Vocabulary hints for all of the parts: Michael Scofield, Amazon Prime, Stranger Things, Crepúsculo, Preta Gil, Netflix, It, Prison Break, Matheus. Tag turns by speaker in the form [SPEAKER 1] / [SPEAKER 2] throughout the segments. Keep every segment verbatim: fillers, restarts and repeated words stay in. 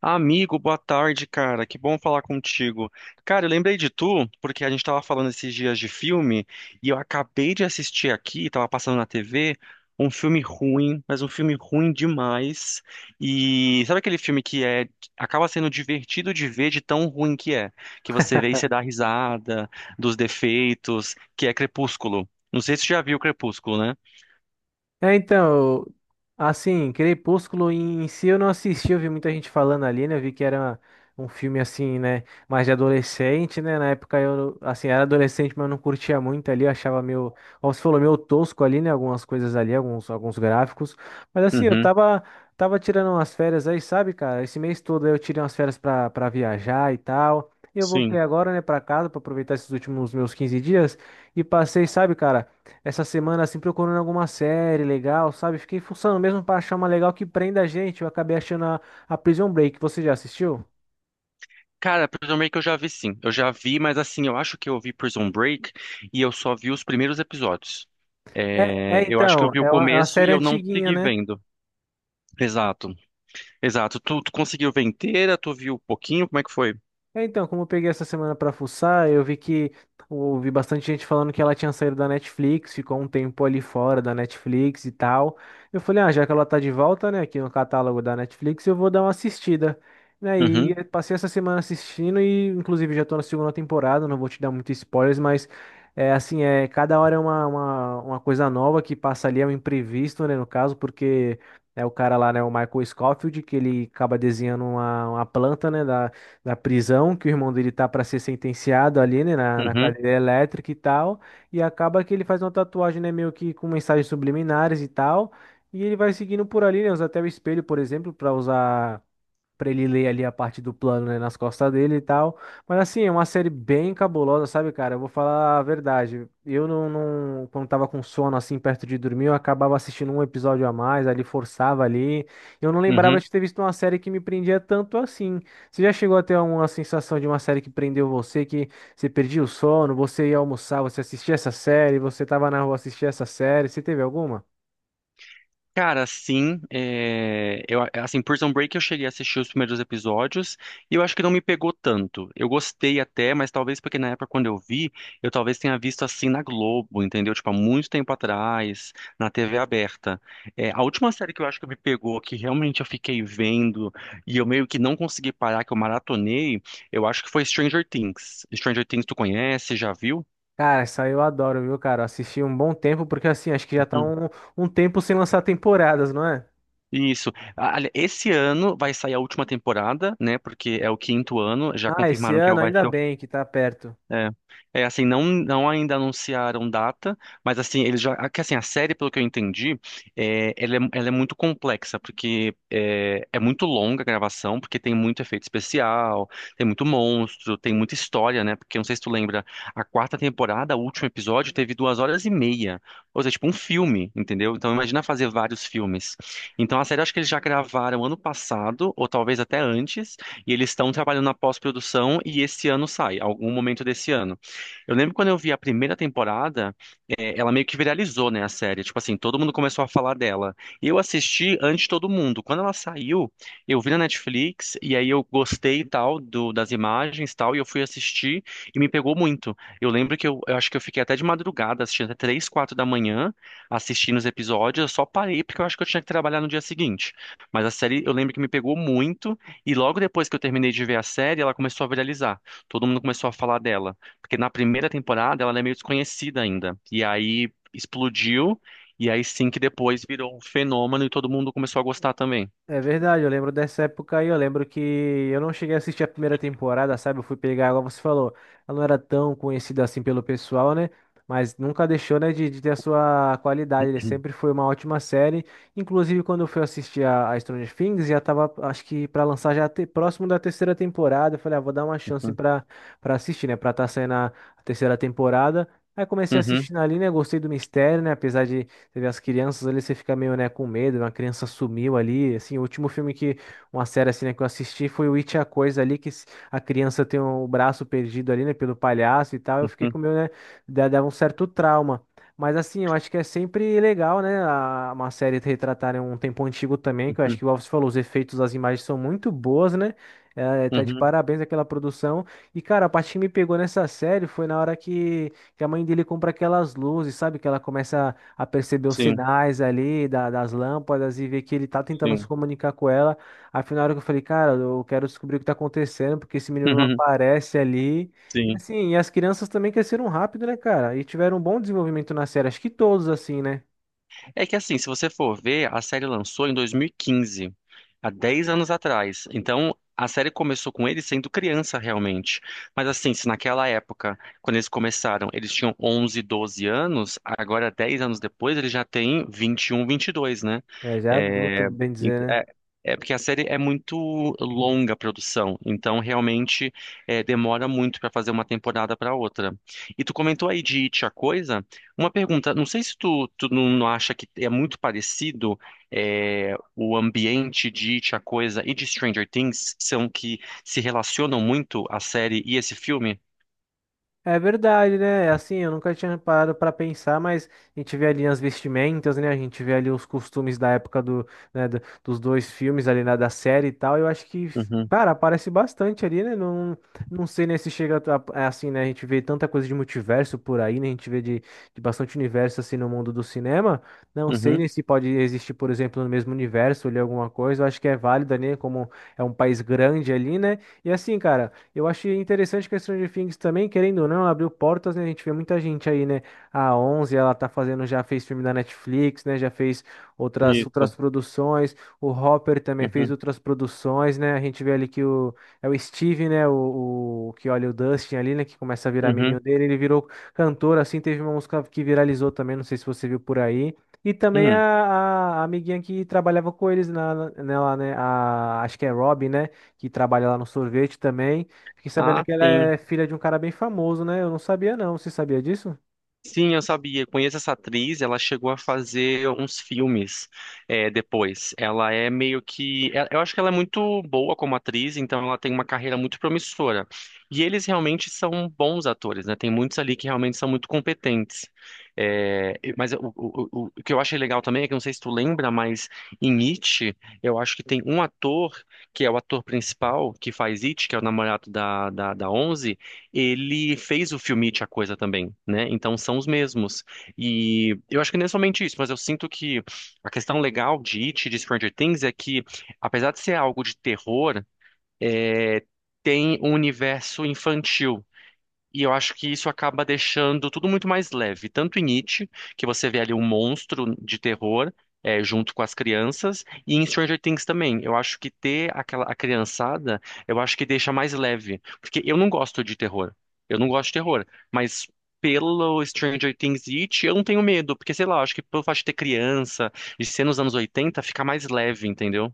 [SPEAKER 1] Amigo, boa tarde, cara. Que bom falar contigo. Cara, eu lembrei de tu, porque a gente tava falando esses dias de filme, e eu acabei de assistir aqui, tava passando na T V, um filme ruim, mas um filme ruim demais. E sabe aquele filme que é acaba sendo divertido de ver de tão ruim que é, que você vê e você dá risada dos defeitos, que é Crepúsculo. Não sei se você já viu Crepúsculo, né?
[SPEAKER 2] É, então, assim, Crepúsculo em si eu não assisti, eu vi muita gente falando ali, né? Eu vi que era um filme assim, né, mais de adolescente, né? Na época eu, assim, era adolescente, mas eu não curtia muito ali, eu achava meio, como você falou, meio tosco ali, né? Algumas coisas ali, alguns, alguns gráficos. Mas assim, eu
[SPEAKER 1] Uhum,
[SPEAKER 2] tava, tava tirando umas férias aí, sabe, cara? Esse mês todo aí eu tirei umas férias pra, pra viajar e tal. E eu voltei
[SPEAKER 1] sim.
[SPEAKER 2] agora, né, pra casa pra aproveitar esses últimos meus quinze dias e passei, sabe, cara? Essa semana assim procurando alguma série legal, sabe? Fiquei fuçando mesmo pra achar uma legal que prenda a gente. Eu acabei achando a, a Prison Break. Você já assistiu?
[SPEAKER 1] Cara, Prison Break eu já vi sim. Eu já vi, mas assim, eu acho que eu vi Prison Break e eu só vi os primeiros episódios.
[SPEAKER 2] É, é
[SPEAKER 1] É, eu acho que eu
[SPEAKER 2] então,
[SPEAKER 1] vi o
[SPEAKER 2] é uma, é uma
[SPEAKER 1] começo e
[SPEAKER 2] série
[SPEAKER 1] eu não
[SPEAKER 2] antiguinha,
[SPEAKER 1] segui
[SPEAKER 2] né?
[SPEAKER 1] vendo. Exato, exato. Tu, tu conseguiu ver inteira? Tu viu um pouquinho? Como é que foi?
[SPEAKER 2] É, então, como eu peguei essa semana pra fuçar, eu vi que ouvi bastante gente falando que ela tinha saído da Netflix, ficou um tempo ali fora da Netflix e tal. Eu falei, ah, já que ela tá de volta, né, aqui no catálogo da Netflix, eu vou dar uma assistida. Né, e
[SPEAKER 1] Uhum,
[SPEAKER 2] aí, passei essa semana assistindo e, inclusive, já tô na segunda temporada, não vou te dar muitos spoilers, mas é assim, é, cada hora é uma, uma, uma coisa nova que passa ali, é um imprevisto, né, no caso, porque é o cara lá, né, o Michael Scofield, que ele acaba desenhando uma, uma planta, né, da da prisão, que o irmão dele tá para ser sentenciado ali, né, na, na
[SPEAKER 1] uhum,
[SPEAKER 2] cadeira elétrica e tal, e acaba que ele faz uma tatuagem, né, meio que com mensagens subliminares e tal, e ele vai seguindo por ali, né, usa até o espelho, por exemplo, para usar Pra ele ler ali a parte do plano, né, nas costas dele e tal. Mas assim, é uma série bem cabulosa, sabe, cara? Eu vou falar a verdade. Eu não, não- quando tava com sono assim perto de dormir, eu acabava assistindo um episódio a mais, ali forçava ali. Eu não lembrava
[SPEAKER 1] uhum.
[SPEAKER 2] de ter visto uma série que me prendia tanto assim. Você já chegou a ter uma sensação de uma série que prendeu você, que você perdia o sono, você ia almoçar, você assistia essa série, você tava na rua assistia essa série, você teve alguma?
[SPEAKER 1] Cara, sim, é, eu, assim, Prison Break eu cheguei a assistir os primeiros episódios e eu acho que não me pegou tanto. Eu gostei até, mas talvez porque na época quando eu vi, eu talvez tenha visto assim na Globo, entendeu? Tipo, há muito tempo atrás, na T V aberta. É, a última série que eu acho que me pegou, que realmente eu fiquei vendo e eu meio que não consegui parar, que eu maratonei, eu acho que foi Stranger Things. Stranger Things tu conhece, já viu?
[SPEAKER 2] Cara, isso aí eu adoro, viu, cara? Eu Assisti um bom tempo, porque assim, acho que já tá um, um tempo sem lançar temporadas, não é?
[SPEAKER 1] Isso. Ah, ali- esse ano vai sair a última temporada, né? Porque é o quinto ano. Já
[SPEAKER 2] Ah, esse
[SPEAKER 1] confirmaram que
[SPEAKER 2] ano
[SPEAKER 1] vai
[SPEAKER 2] ainda
[SPEAKER 1] ser.
[SPEAKER 2] bem que tá perto.
[SPEAKER 1] É, é assim, não, não ainda anunciaram data, mas assim, eles já, que assim, a série, pelo que eu entendi, é, ela é, ela é muito complexa, porque é, é muito longa a gravação, porque tem muito efeito especial, tem muito monstro, tem muita história, né? Porque não sei se tu lembra, a quarta temporada, o último episódio, teve duas horas e meia, ou seja, tipo um filme, entendeu? Então imagina fazer vários filmes. Então a série, eu acho que eles já gravaram ano passado, ou talvez até antes, e eles estão trabalhando na pós-produção e esse ano sai, algum momento desse ano. Eu lembro quando eu vi a primeira temporada, é, ela meio que viralizou, né, a série. Tipo assim, todo mundo começou a falar dela. Eu assisti antes de todo mundo. Quando ela saiu, eu vi na Netflix e aí eu gostei e tal do, das imagens e tal e eu fui assistir e me pegou muito. Eu lembro que eu, eu acho que eu fiquei até de madrugada assistindo até três, quatro da manhã assistindo os episódios. Eu só parei porque eu acho que eu tinha que trabalhar no dia seguinte. Mas a série eu lembro que me pegou muito. E logo depois que eu terminei de ver a série, ela começou a viralizar. Todo mundo começou a falar dela. Porque na primeira temporada ela é meio desconhecida ainda. E aí explodiu, e aí sim que depois virou um fenômeno e todo mundo começou a gostar também.
[SPEAKER 2] É verdade, eu lembro dessa época aí, eu lembro que eu não cheguei a assistir a primeira temporada, sabe? Eu fui pegar, igual você falou, ela não era tão conhecida assim pelo pessoal, né? Mas nunca deixou, né, de, de ter a sua qualidade. Ele
[SPEAKER 1] Uhum,
[SPEAKER 2] sempre foi uma ótima série. Inclusive, quando eu fui assistir a, a Stranger Things, já tava, acho que pra lançar já te- próximo da terceira temporada. Eu falei, ah, vou dar uma chance pra, pra assistir, né? Pra tá saindo a, a terceira temporada. Aí comecei a
[SPEAKER 1] uhum,
[SPEAKER 2] assistir ali, né? Gostei do mistério, né? Apesar de você vê as crianças ali, você fica meio, né, com medo, uma criança sumiu ali, assim, o último filme que, uma série assim, né, que eu assisti foi o It, a Coisa ali, que s- a criança tem o braço perdido ali, né, pelo palhaço e tal, eu fiquei
[SPEAKER 1] uhum,
[SPEAKER 2] com meio, né, da- dava um certo trauma. Mas assim, eu acho que é sempre legal, né, a- uma série retratar né, um tempo antigo também, que eu acho que,
[SPEAKER 1] uhum,
[SPEAKER 2] igual você falou, os efeitos das imagens são muito boas, né, é, tá de
[SPEAKER 1] uhum.
[SPEAKER 2] parabéns aquela produção. E, cara, a parte que me pegou nessa série foi na hora que, que a mãe dele compra aquelas luzes, sabe? Que ela começa a perceber os
[SPEAKER 1] Sim,
[SPEAKER 2] sinais ali da- das lâmpadas e ver que ele tá tentando se
[SPEAKER 1] sim,
[SPEAKER 2] comunicar com ela. Afinal, eu falei, cara, eu quero descobrir o que tá acontecendo, porque esse menino não aparece ali. E
[SPEAKER 1] sim.
[SPEAKER 2] assim, e as crianças também cresceram rápido, né, cara? E tiveram um bom desenvolvimento na série. Acho que todos, assim, né?
[SPEAKER 1] É que assim, se você for ver, a série lançou em dois mil e quinze, há dez anos atrás. Então, a série começou com ele sendo criança realmente. Mas assim, se naquela época, quando eles começaram, eles tinham onze, doze anos, agora dez anos depois, ele já tem vinte e um, vinte e dois, né?
[SPEAKER 2] É, já é adulto,
[SPEAKER 1] É,
[SPEAKER 2] bem
[SPEAKER 1] ent-
[SPEAKER 2] dizer, né?
[SPEAKER 1] é, é porque a série é muito longa a produção, então realmente é, demora muito para fazer uma temporada para outra. E tu comentou aí de It, a Coisa? Uma pergunta, não sei se tu, tu não, não acha que é muito parecido é, o ambiente de It, a Coisa e de Stranger Things, são que se relacionam muito a série e esse filme?
[SPEAKER 2] É verdade, né? É Assim, eu nunca tinha parado para pensar, mas a gente vê ali as vestimentas, né? A gente vê ali os costumes da época do, né, do- dos dois filmes ali, né, da série e tal. Eu acho que,
[SPEAKER 1] Uhum,
[SPEAKER 2] cara, aparece bastante ali, né? Não, não sei, né, se chega a- a- assim, né? A gente vê tanta coisa de multiverso por aí, né? A gente vê de, de bastante universo assim no mundo do cinema. Não sei,
[SPEAKER 1] uhum,
[SPEAKER 2] né, se pode existir, por exemplo, no mesmo universo ali alguma coisa. Eu acho que é válida, né? Como é um país grande ali, né? E assim, cara. Eu achei interessante que a Stranger Things também, querendo ou não, abriu portas, né? A gente vê muita gente aí, né? A onze, ela tá fazendo, já fez filme da Netflix, né? Já fez outras,
[SPEAKER 1] isso.
[SPEAKER 2] outras produções. O Hopper também fez
[SPEAKER 1] Uhum,
[SPEAKER 2] outras produções, né? A gente vê ali que o, é o Steve, né? O, o que olha o Dustin ali, né? Que começa a virar
[SPEAKER 1] uhum,
[SPEAKER 2] amiguinho dele. Ele virou cantor, assim. Teve uma música que viralizou também, não sei se você viu por aí. E também a,
[SPEAKER 1] hum.
[SPEAKER 2] a- a amiguinha que trabalhava com eles na, na- nela, né? A, acho que é Rob, né? Que trabalha lá no sorvete também. Fiquei sabendo
[SPEAKER 1] Ah,
[SPEAKER 2] que ela
[SPEAKER 1] sim.
[SPEAKER 2] é filha de um cara bem famoso, né? Eu não sabia, não. Você sabia disso?
[SPEAKER 1] Sim, eu sabia. Conheço essa atriz. Ela chegou a fazer uns filmes é, depois. Ela é meio que. é- Eu acho que ela é muito boa como atriz, então ela tem uma carreira muito promissora. E eles realmente são bons atores, né? Tem muitos ali que realmente são muito competentes. É, e- mas o, o, o o que eu achei legal também é que não sei se tu lembra, mas em It, eu acho que tem um ator que é o ator principal que faz It, que é o namorado da, da, da Onze ele fez o filme It, a coisa também, né? Então são os mesmos. E eu acho que não é somente isso, mas eu sinto que a questão legal de It, e de Stranger Things, é que, apesar de ser algo de terror, é, tem um universo infantil. E eu acho que isso acaba deixando tudo muito mais leve. Tanto em It, que você vê ali um monstro de terror é, junto com as crianças, e em Stranger Things também. Eu acho que ter aquela a criançada, eu acho que deixa mais leve. Porque eu não gosto de terror. Eu não gosto de terror. Mas pelo Stranger Things e It, eu não tenho medo. Porque, sei lá, eu acho que pelo fato de ter criança, de ser nos anos oitenta fica mais leve, entendeu?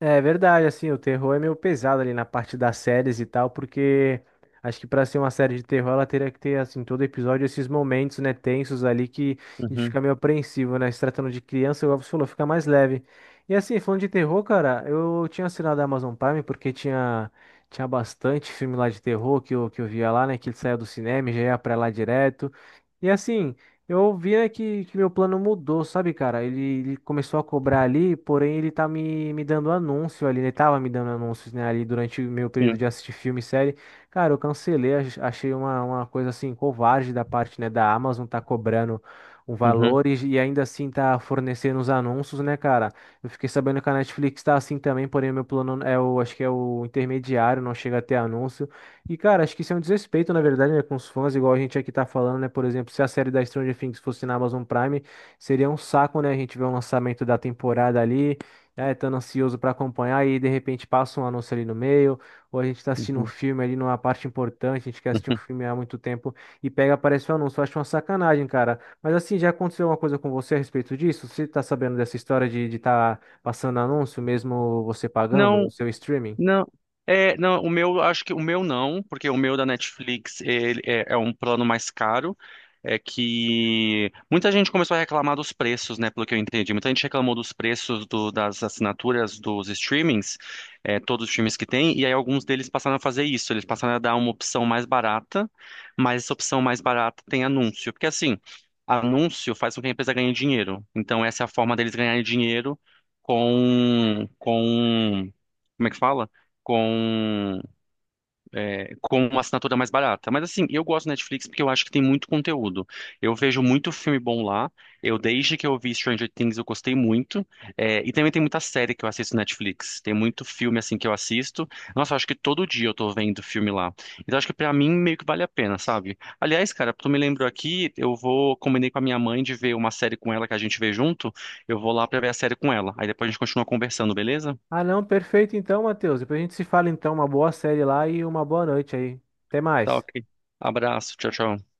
[SPEAKER 2] É verdade, assim, o terror é meio pesado ali na parte das séries e tal, porque acho que pra ser uma série de terror ela teria que ter, assim, todo episódio esses momentos, né, tensos ali que a gente
[SPEAKER 1] Uhum,
[SPEAKER 2] fica meio apreensivo, né? Se tratando de criança, igual você falou, fica mais leve. E assim, falando de terror, cara, eu tinha assinado a Amazon Prime porque tinha, tinha bastante filme lá de terror que eu, que eu via lá, né, que ele saía do cinema e já ia pra lá direto. E assim. Eu ouvi, né, que, que meu plano mudou, sabe, cara? Ele, ele começou a cobrar ali, porém ele tá me, me dando anúncio ali, né? Ele tava me dando anúncios, né, ali durante o meu período
[SPEAKER 1] sim.
[SPEAKER 2] de assistir filme e série. Cara, eu cancelei, ach- achei uma, uma coisa assim, covarde da parte, né, da Amazon tá cobrando um
[SPEAKER 1] Uhum,
[SPEAKER 2] valor e, e ainda assim tá fornecendo os anúncios, né, cara? Eu fiquei sabendo que a Netflix tá assim também, porém o meu plano é o, acho que é o intermediário, não chega a ter anúncio. E, cara, acho que isso é um desrespeito, na verdade, né, com os fãs, igual a gente aqui tá falando, né? Por exemplo, se a série da Stranger Things fosse na Amazon Prime, seria um saco, né? A gente vê o lançamento da temporada ali, né? Tão ansioso pra acompanhar e de repente passa um anúncio ali no meio, ou a gente tá assistindo um
[SPEAKER 1] uhum.
[SPEAKER 2] filme ali numa parte importante, a gente quer assistir um filme há muito tempo e pega, aparece o anúncio. Eu acho uma sacanagem, cara. Mas assim, já aconteceu alguma coisa com você a respeito disso? Você tá sabendo dessa história de estar passando anúncio, mesmo você pagando o
[SPEAKER 1] Não,
[SPEAKER 2] seu streaming?
[SPEAKER 1] não. É, não, o meu, acho que o meu não, porque o meu da Netflix ele é, é um plano mais caro. É que muita gente começou a reclamar dos preços, né? Pelo que eu entendi. Muita gente reclamou dos preços do- das assinaturas dos streamings, é, todos os streamings que tem, e aí alguns deles passaram a fazer isso. Eles passaram a dar uma opção mais barata, mas essa opção mais barata tem anúncio. Porque assim, anúncio faz com que a empresa ganhe dinheiro. Então essa é a forma deles ganharem dinheiro com, com, como é que fala? com, com uma assinatura mais barata. Mas assim, eu gosto do Netflix porque eu acho que tem muito conteúdo. Eu vejo muito filme bom lá. Eu, desde que eu vi Stranger Things, eu gostei muito. É, e também tem muita série que eu assisto no Netflix. Tem muito filme assim que eu assisto. Nossa, eu acho que todo dia eu tô vendo filme lá. Então acho que pra mim meio que vale a pena, sabe? Aliás, cara, tu me lembrou aqui, eu vou, combinei com a minha mãe de ver uma série com ela que a gente vê junto. Eu vou lá pra ver a série com ela. Aí depois a gente continua conversando, beleza?
[SPEAKER 2] Ah, não, perfeito então, Matheus. Depois a gente se fala então. Uma boa série lá e uma boa noite aí. Até
[SPEAKER 1] Tá
[SPEAKER 2] mais.
[SPEAKER 1] ok. Abraço, tchau, tchau.